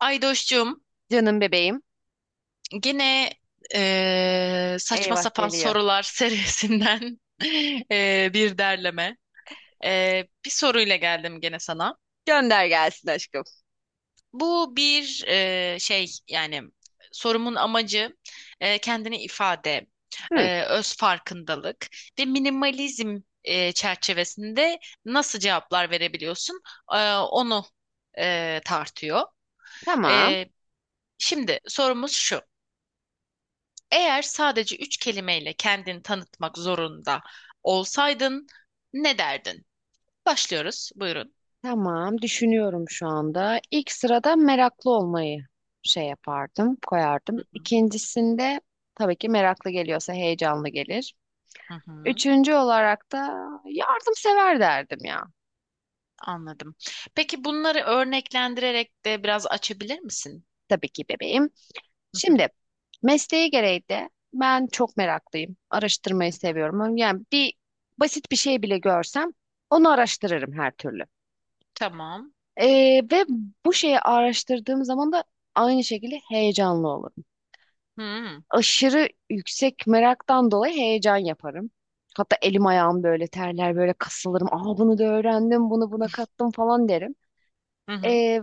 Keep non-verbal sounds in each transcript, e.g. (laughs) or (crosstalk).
Aydoş'cum, Canım bebeğim. gene saçma Eyvah sapan geliyor. sorular (laughs) serisinden bir derleme. Bir soruyla geldim gene sana. Gönder gelsin aşkım. Bu bir şey, yani sorumun amacı kendini ifade, Hı, öz farkındalık ve minimalizm çerçevesinde nasıl cevaplar verebiliyorsun, onu tartıyor. tamam. Eee, Şimdi sorumuz şu. Eğer sadece üç kelimeyle kendini tanıtmak zorunda olsaydın ne derdin? Başlıyoruz. Buyurun. Tamam. Düşünüyorum şu anda. İlk sırada meraklı olmayı şey yapardım, Hı koyardım. hı. İkincisinde tabii ki meraklı geliyorsa heyecanlı gelir. Hı hı. Üçüncü olarak da yardımsever derdim ya. Anladım. Peki bunları örneklendirerek de biraz açabilir misin? Tabii ki bebeğim. Hı hı. Şimdi mesleği gereği de ben çok meraklıyım. Araştırmayı Hı. seviyorum. Yani basit bir şey bile görsem onu araştırırım her türlü. Tamam. Ve bu şeyi araştırdığım zaman da aynı şekilde heyecanlı olurum. Hı hı. Aşırı yüksek meraktan dolayı heyecan yaparım. Hatta elim ayağım böyle terler, böyle kasılırım. Aa, bunu da öğrendim, bunu buna kattım falan derim. Hı hı. Ee,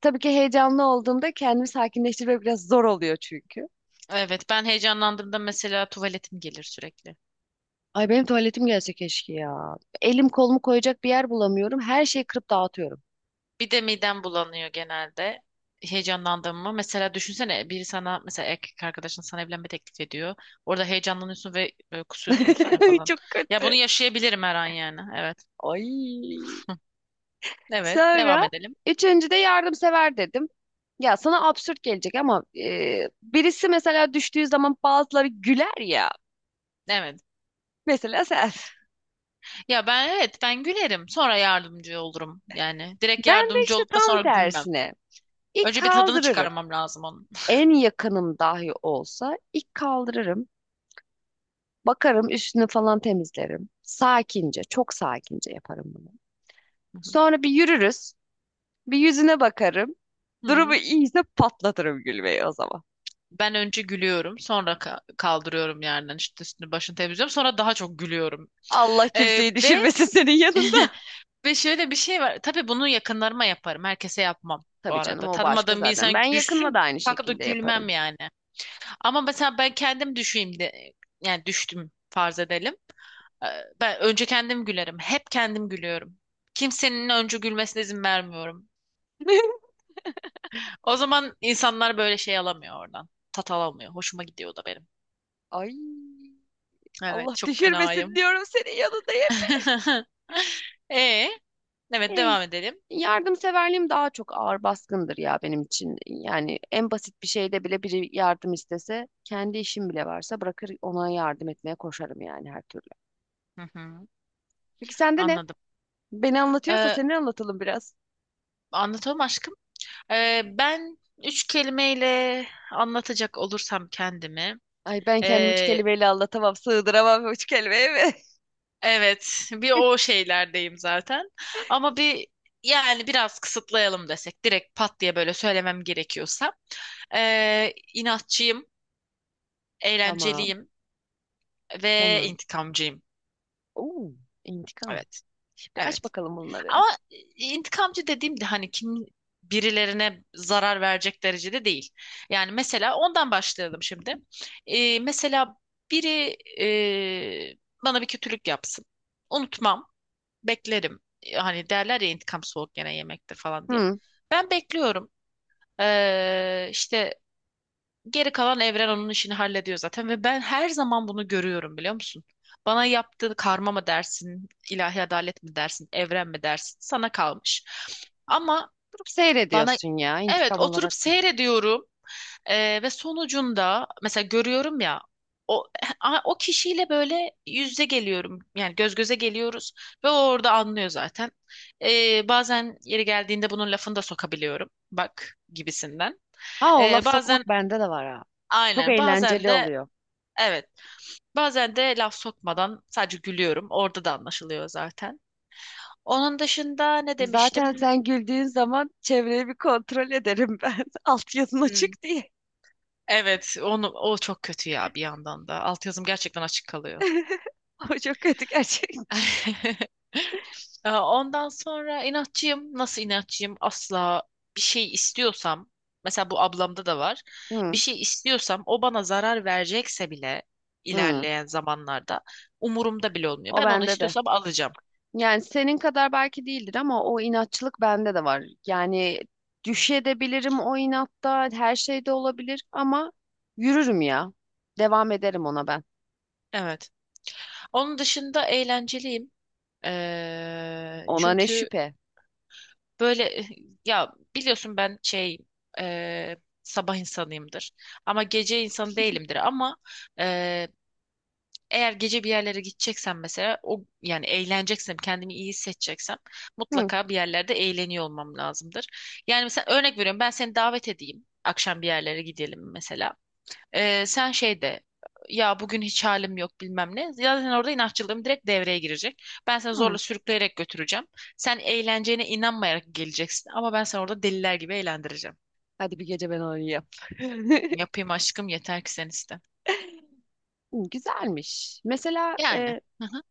tabii ki heyecanlı olduğumda kendimi sakinleştirmek biraz zor oluyor çünkü. Evet, ben heyecanlandığımda mesela tuvaletim gelir sürekli. Ay benim tuvaletim gelse keşke ya. Elim kolumu koyacak bir yer bulamıyorum. Her şeyi kırıp dağıtıyorum. Bir de midem bulanıyor genelde. Heyecanlandım mı? Mesela düşünsene, biri sana, mesela erkek arkadaşın sana evlenme teklif ediyor. Orada heyecanlanıyorsun ve böyle kusuyorsun üstüne (laughs) falan. Çok Ya bunu kötü. yaşayabilirim her an yani. Evet. Ay. Evet. Devam Sonra edelim. üçüncü de yardımsever dedim. Ya sana absürt gelecek ama birisi mesela düştüğü zaman bazıları güler ya. Evet. Mesela sen. Ya ben, evet, ben gülerim. Sonra yardımcı olurum yani. Direkt Ben de yardımcı işte olup da sonra tam gülmem. tersine. İlk Önce bir tadını kaldırırım. çıkarmam lazım onun. En yakınım dahi olsa ilk kaldırırım. Bakarım üstünü falan temizlerim. Sakince, çok sakince yaparım bunu. Hı hı. Sonra bir yürürüz. Bir yüzüne bakarım. Durumu Hı. iyiyse patlatırım gülmeyi o zaman. Ben önce gülüyorum, sonra kaldırıyorum yerden, işte üstünü başını temizliyorum, sonra daha çok gülüyorum. Allah kimseyi Ve düşürmesin senin yanında. (laughs) Ve şöyle bir şey var. Tabii bunu yakınlarıma yaparım. Herkese yapmam bu Tabii canım arada. o başka Tanımadığım bir zaten. insan Ben yakınma da düşsün aynı kalkıp da şekilde gülmem yaparım. yani. Ama mesela ben kendim düşeyim de, yani düştüm farz edelim. Ee, Ben önce kendim gülerim. Hep kendim gülüyorum. Kimsenin önce gülmesine izin vermiyorum. (laughs) O zaman insanlar böyle şey alamıyor oradan. Tat alamıyor. Hoşuma gidiyor o da benim. Ay, Evet, Allah çok düşürmesin fenayım. diyorum senin yanında hep. (laughs) E, evet, Ey, devam edelim. yardımseverliğim daha çok ağır baskındır ya benim için. Yani en basit bir şeyde bile biri yardım istese, kendi işim bile varsa bırakır ona yardım etmeye koşarım yani her türlü. Hı hı. Peki sende ne? Anladım. Beni anlatıyorsa Ee, seni anlatalım biraz. Anlatamam aşkım. Ben üç kelimeyle anlatacak olursam kendimi. Ay ben kendimi üç ee, kelimeyle anlatamam, sığdıramam üç kelimeye mi? evet, bir o (laughs) şeylerdeyim zaten. Ama bir, yani biraz kısıtlayalım desek, direkt pat diye böyle söylemem gerekiyorsa. İnatçıyım, Tamam, eğlenceliyim ve tamam. intikamcıyım. Oo, intikam. Evet, Şimdi aç evet. bakalım bunları. Ama intikamcı dediğim de hani kim birilerine zarar verecek derecede değil. Yani mesela ondan başlayalım şimdi. Mesela biri e, bana bir kötülük yapsın. Unutmam, beklerim. Hani derler ya, intikam soğuk gene yemektir falan diye. Hı. Ben bekliyorum. İşte geri kalan evren onun işini hallediyor zaten ve ben her zaman bunu görüyorum, biliyor musun? Bana yaptığı karma mı dersin, ilahi adalet mi dersin, evren mi dersin? Sana kalmış. Ama Durup bana seyrediyorsun ya evet, intikam oturup olarak. seyrediyorum. Ve sonucunda mesela görüyorum ya, o o kişiyle böyle yüzde geliyorum, yani göz göze geliyoruz ve o orada anlıyor zaten. Bazen yeri geldiğinde bunun lafını da sokabiliyorum, bak gibisinden. Aa, o laf sokmak Bazen bende de var ha. Çok Aynen. Bazen eğlenceli de oluyor. evet. Bazen de laf sokmadan sadece gülüyorum. Orada da anlaşılıyor zaten. Onun dışında ne Zaten demiştim? sen güldüğün zaman çevreyi bir kontrol ederim ben. (laughs) Alt yazın Hmm, açık diye. evet, onu o çok kötü ya, bir yandan da. Altyazım gerçekten açık kalıyor. (laughs) O çok kötü gerçekten. (laughs) Ondan sonra inatçıyım. Nasıl inatçıyım? Asla bir şey istiyorsam, mesela bu ablamda da var. Bir Hı, şey istiyorsam, o bana zarar verecekse bile, hı. ilerleyen zamanlarda umurumda bile olmuyor. O Ben onu bende de. istiyorsam alacağım. Yani senin kadar belki değildir ama o inatçılık bende de var. Yani düşebilirim o inatta, her şey de olabilir ama yürürüm ya. Devam ederim ona ben. Evet. Onun dışında eğlenceliyim. Ona ne Çünkü şüphe. böyle (laughs) ya biliyorsun, ben şey, eee, sabah insanıyımdır. Ama gece insanı değilimdir. Ama eee, eğer gece bir yerlere gideceksem mesela, o yani eğleneceksem, kendimi iyi hissedeceksem, Hı, mutlaka bir yerlerde eğleniyor olmam lazımdır. Yani mesela örnek veriyorum, ben seni davet edeyim. Akşam bir yerlere gidelim mesela. Sen şey de, ya bugün hiç halim yok bilmem ne. Zaten orada inatçılığım direkt devreye girecek. Ben seni zorla hı. sürükleyerek götüreceğim. Sen eğleneceğine inanmayarak geleceksin ama ben seni orada deliler gibi eğlendireceğim. Hadi bir gece ben oynayayım. (laughs) Yapayım aşkım, yeter ki sen iste. Güzelmiş. Mesela Yani. Hı hı.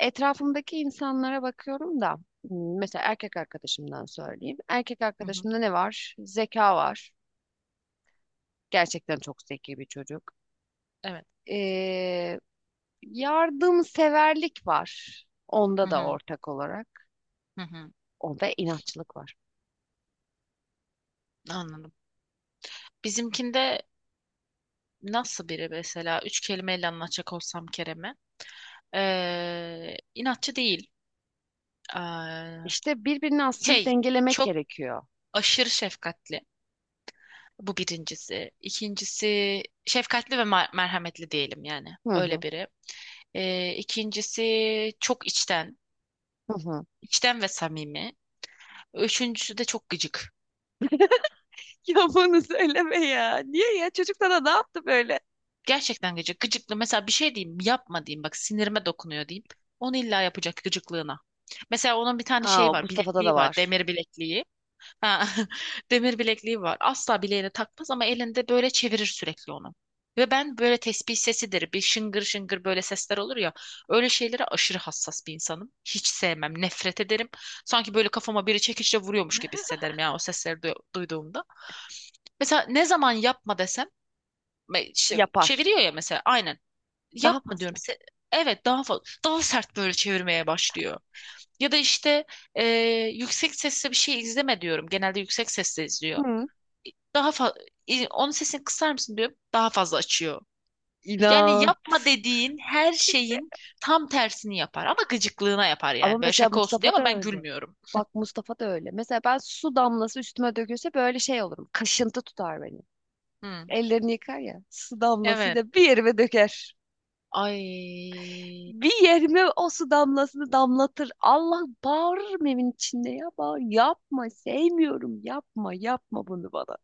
etrafımdaki insanlara bakıyorum da mesela erkek arkadaşımdan söyleyeyim. Erkek Hı hı. arkadaşımda ne var? Zeka var. Gerçekten çok zeki bir çocuk. Evet. E, yardımseverlik var. Hı Onda da hı. ortak olarak. Hı hı. Onda inatçılık var. Anladım. Bizimkinde nasıl biri, mesela üç kelimeyle anlatacak olsam Kerem'e, inatçı değil. Ee, İşte birbirini aslında Şey, dengelemek çok gerekiyor. aşırı şefkatli. Bu birincisi. İkincisi şefkatli ve merhametli diyelim yani. Hı Öyle hı, biri. İkincisi çok içten, hı hı. (laughs) içten ve samimi. Üçüncüsü de çok gıcık. Ya bunu söyleme ya. Niye ya? Çocuk sana ne yaptı böyle? Gerçekten gıcık. Gıcıklı. Mesela bir şey diyeyim, yapma diyeyim. Bak, sinirime dokunuyor diyeyim. Onu illa yapacak gıcıklığına. Mesela onun bir tane şeyi Aa, var, Mustafa'da da bilekliği var, var. demir bilekliği. Ha, (laughs) demir bilekliği var. Asla bileğine takmaz ama elinde böyle çevirir sürekli onu. Ve ben böyle tesbih sesidir, bir şıngır şıngır böyle sesler olur ya. Öyle şeylere aşırı hassas bir insanım. Hiç sevmem, nefret ederim. Sanki böyle kafama biri çekiçle vuruyormuş gibi hissederim ya o sesleri duyduğumda. Mesela ne zaman yapma desem, işte Yapar. çeviriyor ya mesela, aynen. Daha Yapma diyorum. fazla. Evet, daha fazla, daha sert böyle çevirmeye başlıyor. Ya da işte, e, yüksek sesle bir şey izleme diyorum. Genelde yüksek sesle izliyor. Hı. Daha fa Onun sesini kısar mısın diyor. Daha fazla açıyor. Yani İnat. yapma dediğin her şeyin tam tersini yapar ama gıcıklığına yapar Ama yani. Böyle mesela şaka olsun diye, Mustafa da ama ben öyle. gülmüyorum. Bak Mustafa da öyle. Mesela ben su damlası üstüme dökülse böyle şey olurum. Kaşıntı tutar beni. Hı. Ellerini yıkar ya. Su Evet. damlasıyla bir yerime döker. Ay. Bir yerime o su damlasını damlatır. Allah bağırırım evin içinde ya. Bağır. Yapma sevmiyorum. Yapma bunu bana.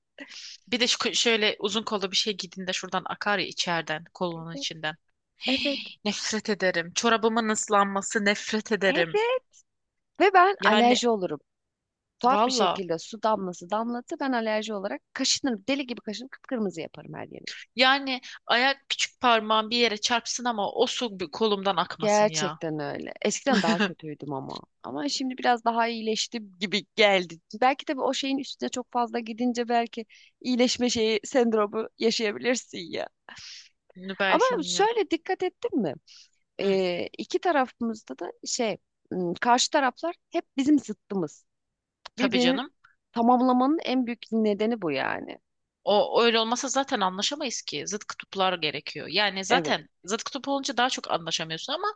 Bir de şöyle uzun kollu bir şey giydiğinde şuradan akar ya içeriden, Evet, kolunun içinden. (gasps) evet, Hii. Nefret ederim. Çorabımın ıslanması nefret ederim. evet. Ve ben Yani alerji olurum. Tuhaf bir valla. şekilde su damlası damlattı. Ben alerji olarak kaşınırım. Deli gibi kaşınırım. Kıpkırmızı yaparım her yerimi. Yani ayak küçük parmağım bir yere çarpsın ama o su bir kolumdan akmasın ya. Gerçekten öyle. Eskiden daha (laughs) kötüydüm ama. Ama şimdi biraz daha iyileştim gibi geldi. Belki de o şeyin üstüne çok fazla gidince belki iyileşme şeyi sendromu yaşayabilirsin ya. Bunu Ama belki bilmiyorum. şöyle dikkat ettin mi? Hı. İki tarafımızda da karşı taraflar hep bizim zıttımız. Tabii Birbirini canım. tamamlamanın en büyük nedeni bu yani. O öyle olmasa zaten anlaşamayız ki. Zıt kutuplar gerekiyor. Yani Evet. zaten zıt kutup olunca daha çok anlaşamıyorsun ama,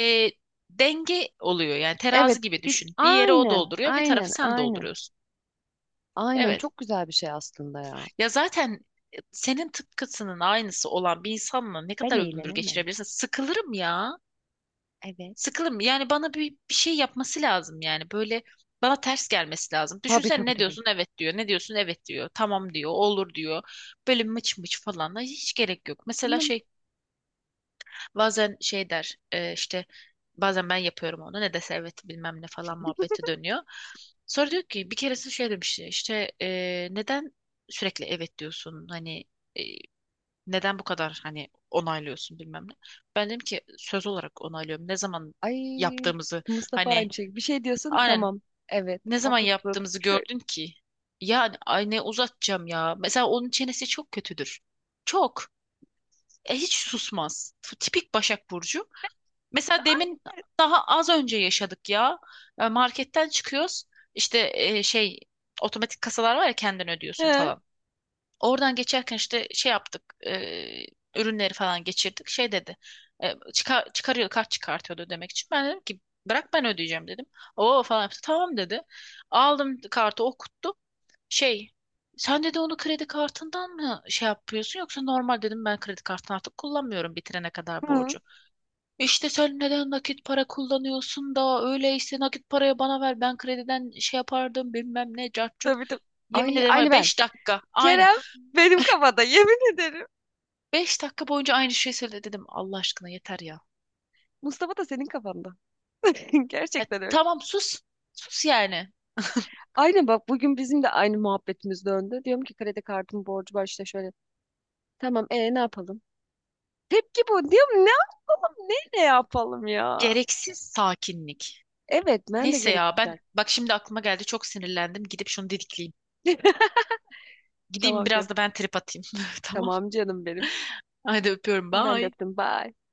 e, denge oluyor. Yani Evet, terazi gibi bir, düşün. Bir yere o aynen, dolduruyor, bir aynen, tarafı sen aynen. dolduruyorsun. Aynen Evet. çok güzel bir şey aslında ya. Ya zaten senin tıpkısının aynısı olan bir insanla ne Ben kadar ömür eğlenemem. geçirebilirsin? Sıkılırım ya. Evet. Sıkılırım. Yani bana bir şey yapması lazım yani. Böyle bana ters gelmesi lazım. Tabii, Düşünsene, tabii, ne tabii. diyorsun? Evet diyor. Ne diyorsun? Evet diyor. Tamam diyor. Olur diyor. Böyle mıç mıç falan. Ay, hiç gerek yok. Mesela Bilmem. şey, bazen şey der, işte bazen ben yapıyorum onu. Ne dese evet bilmem ne falan muhabbeti dönüyor. Sonra diyor ki, bir keresinde şey demiş işte, neden sürekli evet diyorsun? Hani, e, neden bu kadar hani onaylıyorsun bilmem ne. Ben dedim ki söz olarak onaylıyorum. Ne zaman Ay, yaptığımızı, Mustafa hani, aynı şey. Bir şey diyorsun aynen, tamam. Evet, ne zaman haklısın. yaptığımızı Şöyle. gördün ki? Yani ay, ne uzatacağım ya. Mesela onun çenesi çok kötüdür. Çok. Hiç susmaz. Tipik Başak Burcu. Mesela demin, daha az önce yaşadık ya. Marketten çıkıyoruz. İşte, şey, otomatik kasalar var ya, kendin ödüyorsun He. falan. Oradan geçerken işte şey yaptık. e, Ürünleri falan geçirdik. Şey dedi. Çıkar, çıkarıyor, kart çıkartıyordu demek için. Ben dedim ki, bırak ben ödeyeceğim dedim. O falan yaptı. Tamam dedi. Aldım, kartı okuttu. Şey, sen dedi, onu kredi kartından mı şey yapıyorsun yoksa normal? Dedim, ben kredi kartını artık kullanmıyorum bitirene kadar Hı. borcu. İşte sen neden nakit para kullanıyorsun da, öyleyse nakit parayı bana ver, ben krediden şey yapardım bilmem ne cart curt. Tabii, tabii. Yemin Ay ederim, var aynı ben. 5 dakika aynı. Kerem benim kafada yemin ederim. Beş dakika boyunca aynı şeyi söyledi dedim. Allah aşkına yeter ya. Mustafa da senin kafanda. (laughs) Ya Gerçekten öyle. tamam, sus. Sus yani. Aynen bak bugün bizim de aynı muhabbetimiz döndü. Diyorum ki kredi kartım borcu var işte şöyle. Tamam e ne yapalım? Tepki bu. Diyorum ne yapalım? Ne yapalım ya? Gereksiz sakinlik. Evet ben de Neyse ya, gereksiz. ben bak şimdi aklıma geldi, çok sinirlendim. Gidip şunu dedikleyeyim. (laughs) Gideyim Tamam biraz canım. da ben trip atayım. (laughs) Tamam. Tamam canım benim. Hadi öpüyorum. Ben de Bye. öptüm. Bye.